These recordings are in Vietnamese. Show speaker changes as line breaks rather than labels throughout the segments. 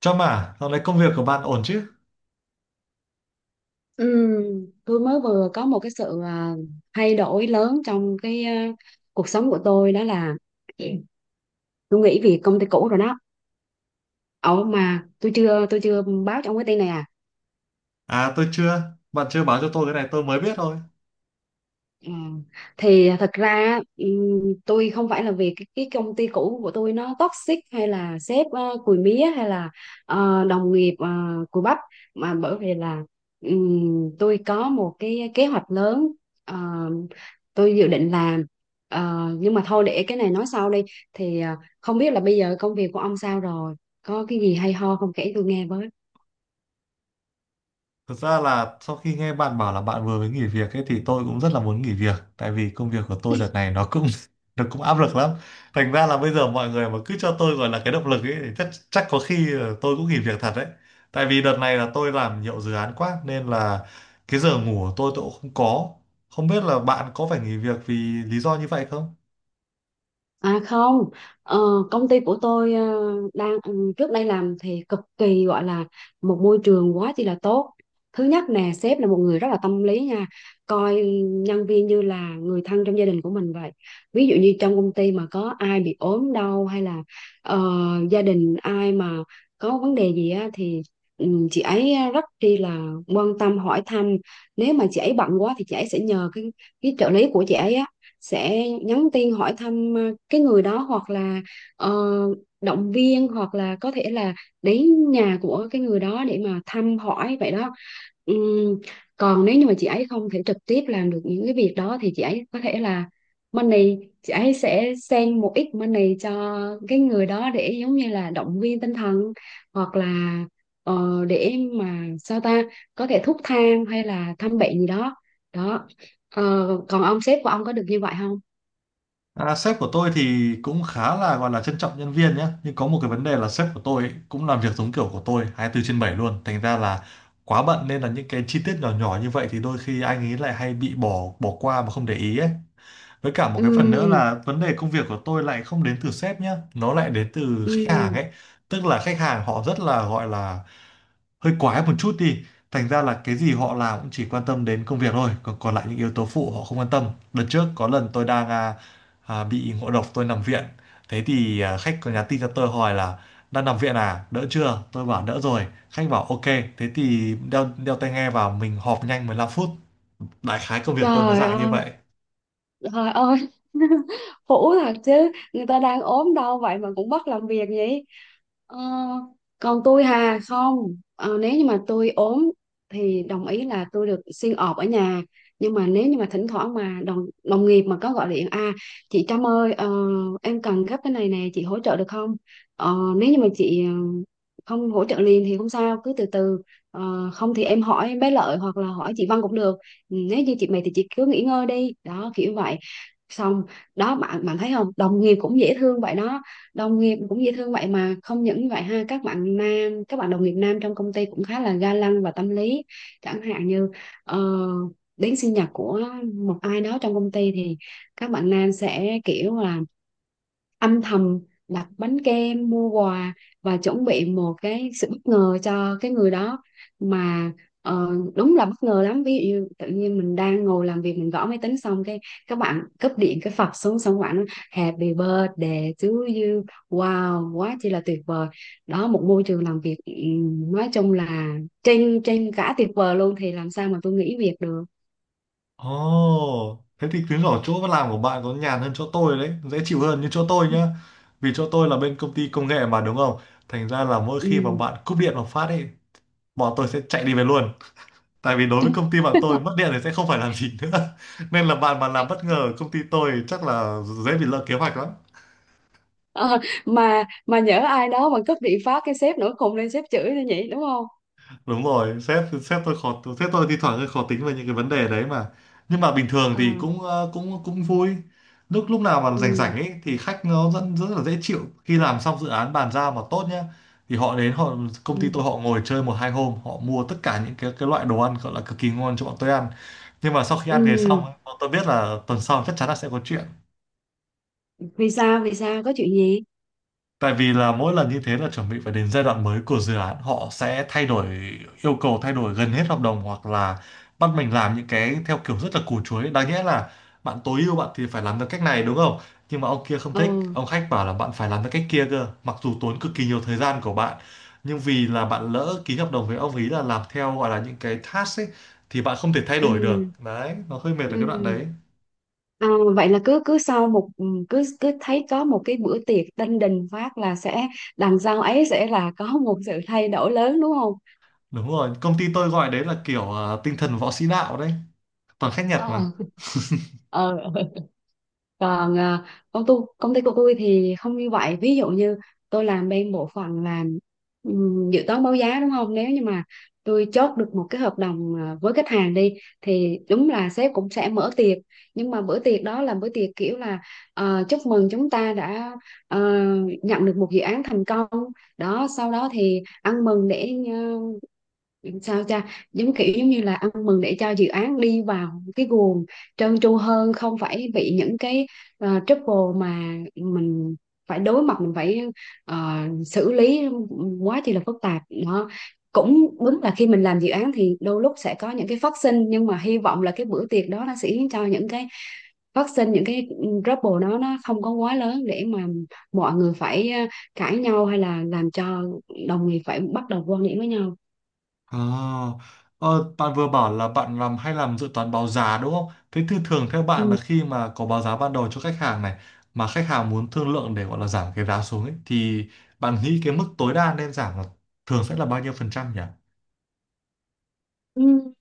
Trâm à, dạo này công việc của bạn ổn chứ?
Ừ, tôi mới vừa có một cái sự thay đổi lớn trong cuộc sống của tôi đó là tôi nghỉ việc công ty cũ rồi đó. Ồ mà tôi chưa báo cho ông cái tin này à.
À tôi chưa, bạn chưa báo cho tôi cái này tôi mới biết thôi.
Ờ, thì thật ra tôi không phải là vì cái công ty cũ của tôi nó toxic hay là sếp cùi mía hay là đồng nghiệp cùi bắp mà bởi vì là tôi có một cái kế hoạch lớn, ờ, tôi dự định làm. Ờ, nhưng mà thôi để cái này nói sau đi. Thì không biết là bây giờ công việc của ông sao rồi, có cái gì hay ho không kể tôi nghe với.
Thực ra là sau khi nghe bạn bảo là bạn vừa mới nghỉ việc ấy thì tôi cũng rất là muốn nghỉ việc. Tại vì công việc của tôi đợt này nó cũng nó cũng áp lực lắm. Thành ra là bây giờ mọi người mà cứ cho tôi gọi là cái động lực ấy thì chắc có khi tôi cũng nghỉ việc thật đấy. Tại vì đợt này là tôi làm nhiều dự án quá nên là cái giờ ngủ của tôi cũng không có. Không biết là bạn có phải nghỉ việc vì lý do như vậy không?
À không, ờ, công ty của tôi, đang trước đây làm thì cực kỳ gọi là một môi trường quá chi là tốt. Thứ nhất nè, sếp là một người rất là tâm lý nha, coi nhân viên như là người thân trong gia đình của mình vậy. Ví dụ như trong công ty mà có ai bị ốm đau hay là ờ, gia đình ai mà có vấn đề gì á thì chị ấy rất chi là quan tâm hỏi thăm. Nếu mà chị ấy bận quá thì chị ấy sẽ nhờ cái trợ lý của chị ấy á sẽ nhắn tin hỏi thăm cái người đó, hoặc là ờ, động viên, hoặc là có thể là đến nhà của cái người đó để mà thăm hỏi vậy đó. Ừm, còn nếu như mà chị ấy không thể trực tiếp làm được những cái việc đó thì chị ấy có thể là money, chị ấy sẽ send một ít money cho cái người đó để giống như là động viên tinh thần, hoặc là để mà sao ta, có thể thuốc thang hay là thăm bệnh gì đó đó. Ờ, còn ông sếp của ông có được như vậy không?
À, sếp của tôi thì cũng khá là gọi là trân trọng nhân viên nhé, nhưng có một cái vấn đề là sếp của tôi ấy, cũng làm việc giống kiểu của tôi 24 trên bảy luôn, thành ra là quá bận nên là những cái chi tiết nhỏ nhỏ như vậy thì đôi khi anh ấy lại hay bị bỏ bỏ qua mà không để ý ấy. Với cả một
Ừ,
cái phần nữa là vấn đề công việc của tôi lại không đến từ sếp nhá, nó lại đến từ khách hàng
ừ.
ấy, tức là khách hàng họ rất là gọi là hơi quái một chút đi, thành ra là cái gì họ làm cũng chỉ quan tâm đến công việc thôi, còn còn lại những yếu tố phụ họ không quan tâm. Đợt trước có lần tôi đang bị ngộ độc tôi nằm viện, thế thì khách có nhắn tin cho tôi hỏi là đang nằm viện à đỡ chưa, tôi bảo đỡ rồi, khách bảo ok, thế thì đeo đeo tai nghe vào mình họp nhanh 15 phút. Đại khái công việc tôi nó
Trời
dạng như
ơi.
vậy.
Trời ơi, hũ thật chứ, người ta đang ốm đau vậy mà cũng bắt làm việc vậy. Ờ, còn tôi hà không, Ờ, nếu như mà tôi ốm thì đồng ý là tôi được xin ọp ở nhà. Nhưng mà nếu như mà thỉnh thoảng mà đồng đồng nghiệp mà có gọi điện à, chị Trâm ơi, em cần gấp cái này nè chị hỗ trợ được không? Ờ, nếu như mà chị không hỗ trợ liền thì không sao cứ từ từ. Ờ, không thì em hỏi bé Lợi hoặc là hỏi chị Văn cũng được. Ừ, nếu như chị mệt thì chị cứ nghỉ ngơi đi đó kiểu vậy, xong đó. Bạn bạn thấy không, đồng nghiệp cũng dễ thương vậy đó, đồng nghiệp cũng dễ thương vậy mà không những như vậy ha, các bạn nam, các bạn đồng nghiệp nam trong công ty cũng khá là ga lăng và tâm lý. Chẳng hạn như ờ, đến sinh nhật của một ai đó trong công ty thì các bạn nam sẽ kiểu là âm thầm đặt bánh kem mua quà và chuẩn bị một cái sự bất ngờ cho cái người đó mà. Ờ, đúng là bất ngờ lắm, ví dụ như tự nhiên mình đang ngồi làm việc mình gõ máy tính xong cái các bạn cúp điện cái phập xuống xong các bạn nói, happy birthday to you, wow, quá chỉ là tuyệt vời. Đó, một môi trường làm việc, nói chung là trên trên cả tuyệt vời luôn, thì làm sao mà tôi nghỉ việc được.
Ồ, thế thì chứng tỏ chỗ làm của bạn có nhàn hơn chỗ tôi đấy, dễ chịu hơn như chỗ tôi nhá. Vì chỗ tôi là bên công ty công nghệ mà đúng không? Thành ra là mỗi khi mà
Ừ.
bạn cúp điện một phát ấy, bọn tôi sẽ chạy đi về luôn. Tại vì đối với công ty bạn tôi mất điện thì sẽ không phải làm gì nữa. Nên là bạn mà làm bất ngờ ở công ty tôi chắc là dễ bị lỡ kế hoạch lắm.
Ờ, mà nhỡ ai đó mà cúp điện phát cái sếp nữa cùng lên sếp chửi nữa nhỉ, đúng không?
Đúng rồi, sếp sếp tôi khó, sếp tôi thi thoảng hơi khó tính về những cái vấn đề đấy mà, nhưng mà bình thường
Ờ,
thì cũng cũng cũng vui. Lúc lúc nào mà
ừ,
rảnh rảnh ấy thì khách nó rất rất là dễ chịu, khi làm xong dự án bàn giao mà tốt nhá thì họ đến, họ công ty tôi
ừ,
họ ngồi chơi một hai hôm, họ mua tất cả những cái loại đồ ăn gọi là cực kỳ ngon cho bọn tôi ăn. Nhưng mà sau khi ăn về
ừ.
xong ấy, bọn tôi biết là tuần sau chắc chắn là sẽ có chuyện.
Vì sao, vì sao có chuyện gì?
Tại vì là mỗi lần như thế là chuẩn bị phải đến giai đoạn mới của dự án, họ sẽ thay đổi yêu cầu, thay đổi gần hết hợp đồng, hoặc là bắt mình làm những cái theo kiểu rất là củ chuối. Đáng nhẽ là bạn tối ưu bạn thì phải làm theo cách này đúng không, nhưng mà ông kia không
ờ
thích, ông khách bảo là bạn phải làm theo cách kia cơ, mặc dù tốn cực kỳ nhiều thời gian của bạn, nhưng vì là bạn lỡ ký hợp đồng với ông ý là làm theo gọi là những cái task ấy, thì bạn không thể thay đổi được
ừ
đấy, nó hơi mệt ở
ừ
cái đoạn đấy.
À, vậy là cứ cứ sau một cứ cứ thấy có một cái bữa tiệc đinh đình phát là sẽ đằng sau ấy sẽ là có một sự thay đổi lớn đúng không?
Đúng rồi, công ty tôi gọi đấy là kiểu tinh thần võ sĩ đạo đấy, toàn khách Nhật
Ờ.
mà.
Ờ. Còn à, công ty của tôi thì không như vậy, ví dụ như tôi làm bên bộ phận làm dự toán báo giá đúng không, nếu như mà tôi chốt được một cái hợp đồng à, với khách hàng đi thì đúng là sếp cũng sẽ mở tiệc, nhưng mà bữa tiệc đó là bữa tiệc kiểu là chúc mừng chúng ta đã ờ, nhận được một dự án thành công đó. Sau đó thì ăn mừng để sao cha, giống kiểu giống như là ăn mừng để cho dự án đi vào cái guồng trơn tru hơn, không phải bị những cái trouble mà mình phải đối mặt, mình phải ờ, xử lý quá chi là phức tạp đó. Cũng đúng là khi mình làm dự án thì đôi lúc sẽ có những cái phát sinh, nhưng mà hy vọng là cái bữa tiệc đó nó sẽ khiến cho những cái phát sinh, những cái trouble đó nó không có quá lớn để mà mọi người phải cãi nhau hay là làm cho đồng nghiệp phải bắt đầu quan điểm với nhau.
À, ờ, bạn vừa bảo là bạn làm hay làm dự toán báo giá đúng không? Thế thì thường theo bạn là
Ừ.
khi mà có báo giá ban đầu cho khách hàng này mà khách hàng muốn thương lượng để gọi là giảm cái giá xuống ấy, thì bạn nghĩ cái mức tối đa nên giảm là thường sẽ là bao nhiêu phần trăm nhỉ?
Ừ.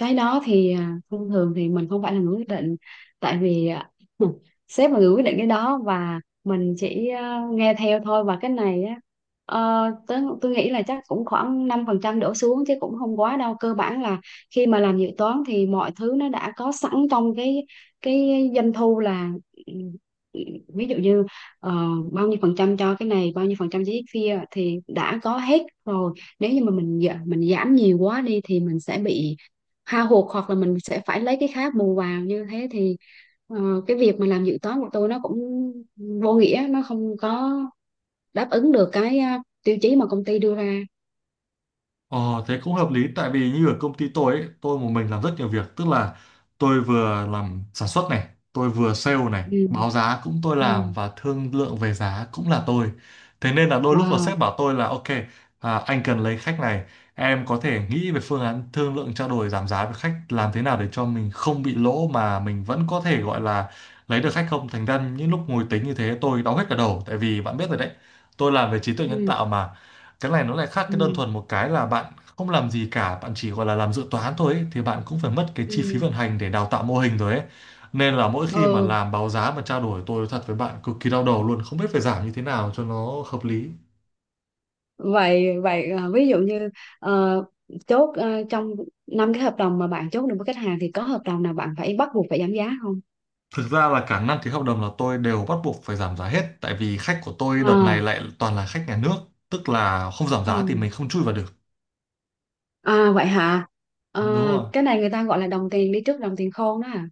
Cái đó thì à, thông thường thì mình không phải là người quyết định, tại vì à, sếp là người quyết định cái đó và mình chỉ à, nghe theo thôi. Và cái này á, tớ, tôi nghĩ là chắc cũng khoảng 5% đổ xuống chứ cũng không quá đâu, cơ bản là khi mà làm dự toán thì mọi thứ nó đã có sẵn trong cái doanh thu là, ừ, ví dụ như ờ, bao nhiêu phần trăm cho cái này bao nhiêu phần trăm cho cái kia thì đã có hết rồi. Nếu như mà mình mình giảm nhiều quá đi thì mình sẽ bị hao hụt hoặc là mình sẽ phải lấy cái khác bù vào, như thế thì ờ, cái việc mà làm dự toán của tôi nó cũng vô nghĩa, nó không có đáp ứng được cái tiêu chí mà công ty đưa ra.
Ờ, thế cũng hợp lý, tại vì như ở công ty tôi ấy, tôi một mình làm rất nhiều việc, tức là tôi vừa làm sản xuất này, tôi vừa sale này,
Ừ,
báo giá cũng tôi
ừ,
làm, và thương lượng về giá cũng là tôi. Thế nên là đôi lúc là sếp
wow,
bảo tôi là ok anh cần lấy khách này, em có thể nghĩ về phương án thương lượng trao đổi giảm giá với khách làm thế nào để cho mình không bị lỗ mà mình vẫn có thể gọi là lấy được khách không. Thành ra những lúc ngồi tính như thế tôi đau hết cả đầu, tại vì bạn biết rồi đấy, tôi làm về trí tuệ nhân
ừ,
tạo mà. Cái này nó lại khác cái đơn
ừ,
thuần, một cái là bạn không làm gì cả, bạn chỉ gọi là làm dự toán thôi ấy, thì bạn cũng phải mất cái chi phí
ừ.
vận hành để đào tạo mô hình rồi ấy. Nên là mỗi khi mà
Ừ.
làm báo giá mà trao đổi tôi nói thật với bạn cực kỳ đau đầu luôn, không biết phải giảm như thế nào cho nó hợp lý.
Vậy vậy, ví dụ như ờ, chốt trong năm cái hợp đồng mà bạn chốt được với khách hàng thì có hợp đồng nào bạn phải bắt buộc phải giảm giá không?
Thực ra là cả năm ký hợp đồng là tôi đều bắt buộc phải giảm giá hết, tại vì khách của tôi đợt
À,
này lại toàn là khách nhà nước, tức là không giảm
ừ.
giá thì mình không chui vào được.
À vậy hả. Ờ,
Ừ, đúng rồi.
cái này người ta gọi là đồng tiền đi trước đồng tiền khôn đó à.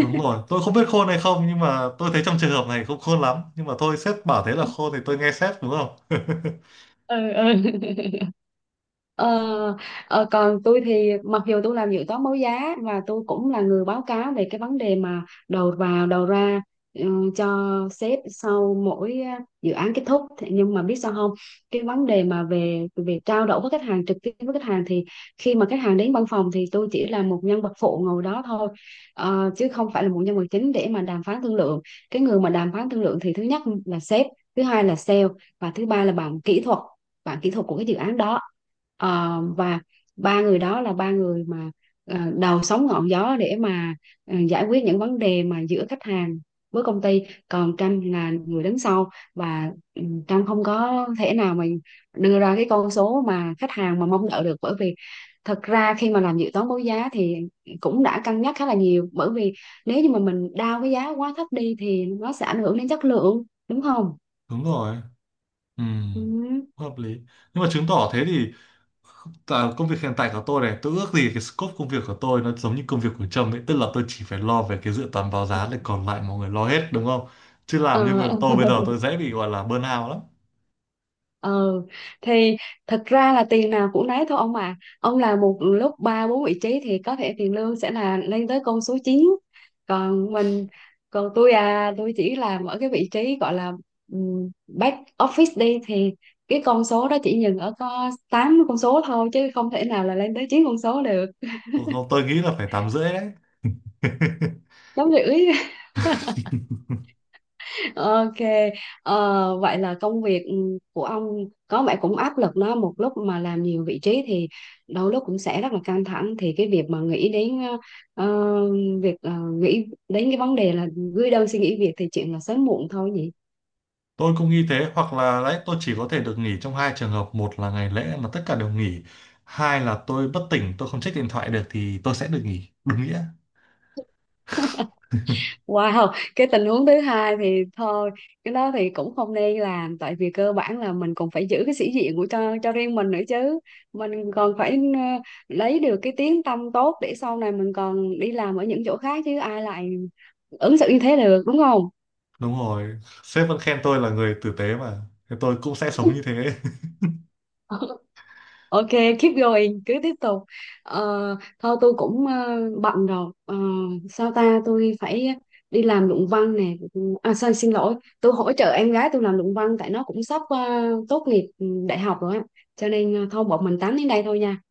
Đúng rồi, tôi không biết khôn hay không nhưng mà tôi thấy trong trường hợp này không khôn lắm, nhưng mà thôi sếp bảo thế là
Ừ,
khôn thì tôi nghe sếp đúng không.
ừ. ờ, còn tôi thì mặc dù tôi làm dự toán báo giá và tôi cũng là người báo cáo về cái vấn đề mà đầu vào đầu ra, cho sếp sau mỗi dự án kết thúc. Thế nhưng mà biết sao không, cái vấn đề mà về về trao đổi với khách hàng, trực tiếp với khách hàng thì khi mà khách hàng đến văn phòng thì tôi chỉ là một nhân vật phụ ngồi đó thôi. Ờ, chứ không phải là một nhân vật chính để mà đàm phán thương lượng. Cái người mà đàm phán thương lượng thì thứ nhất là sếp, thứ hai là sale, và thứ ba là bạn kỹ thuật, bạn kỹ thuật của cái dự án đó. Ờ, và ba người đó là ba người mà đầu sóng ngọn gió để mà giải quyết những vấn đề mà giữa khách hàng với công ty. Còn Trâm là người đứng sau và Trâm không có thể nào mà đưa ra cái con số mà khách hàng mà mong đợi được, bởi vì thật ra khi mà làm dự toán báo giá thì cũng đã cân nhắc khá là nhiều, bởi vì nếu như mà mình đao cái giá quá thấp đi thì nó sẽ ảnh hưởng đến chất lượng, đúng không?
Đúng rồi, ừ,
Ừ.
hợp lý. Nhưng mà chứng tỏ thế thì, tại công việc hiện tại của tôi này, tôi ước gì cái scope công việc của tôi nó giống như công việc của Trâm ấy, tức là tôi chỉ phải lo về cái dự toán báo giá này còn lại mọi người lo hết đúng không. Chứ
Ờ,
làm như vậy tôi bây giờ tôi dễ bị gọi là burnout lắm.
ừ, thì thật ra là tiền nào cũng nấy thôi ông à, ông làm một lúc ba bốn vị trí thì có thể tiền lương sẽ là lên tới con số chín. Còn mình, còn tôi à, tôi chỉ làm ở cái vị trí gọi là back office đi thì cái con số đó chỉ dừng ở có 8 con số thôi chứ không thể nào là lên tới 9 con số được.
Tôi không, tôi nghĩ là phải tám rưỡi đấy.
Giống như, Ok, vậy là công việc của ông có vẻ cũng áp lực đó, một lúc mà làm nhiều vị trí thì đôi lúc cũng sẽ rất là căng thẳng. Thì cái việc mà nghĩ đến ờ, việc nghĩ đến cái vấn đề là gửi đơn xin nghỉ việc thì chuyện là sớm muộn thôi
Tôi cũng nghĩ thế, hoặc là đấy tôi chỉ có thể được nghỉ trong hai trường hợp: một là ngày lễ mà tất cả đều nghỉ, hai là tôi bất tỉnh tôi không check điện thoại được thì tôi sẽ được nghỉ đúng nghĩa.
nhỉ. Wow, cái tình huống thứ hai thì thôi, cái đó thì cũng không nên làm, tại vì cơ bản là mình cũng phải giữ cái sĩ diện của cho riêng mình nữa chứ. Mình còn phải lấy được cái tiếng tăm tốt để sau này mình còn đi làm ở những chỗ khác chứ ai lại ứng xử như thế được, đúng không?
Đúng rồi, sếp vẫn khen tôi là người tử tế mà. Thế tôi cũng sẽ sống như thế.
Ok, keep going, cứ tiếp tục. Thôi tôi cũng bận rồi. Ờ, Sao ta, tôi phải đi làm luận văn nè. À, sao, xin lỗi, tôi hỗ trợ em gái tôi làm luận văn tại nó cũng sắp tốt nghiệp đại học rồi á. Cho nên thôi bọn mình tám đến đây thôi nha.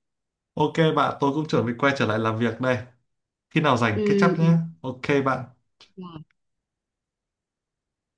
Ok bạn, tôi cũng chuẩn bị quay trở lại làm việc đây. Khi nào rảnh
Ừ,
catch up nhé.
ừ.
Ok bạn.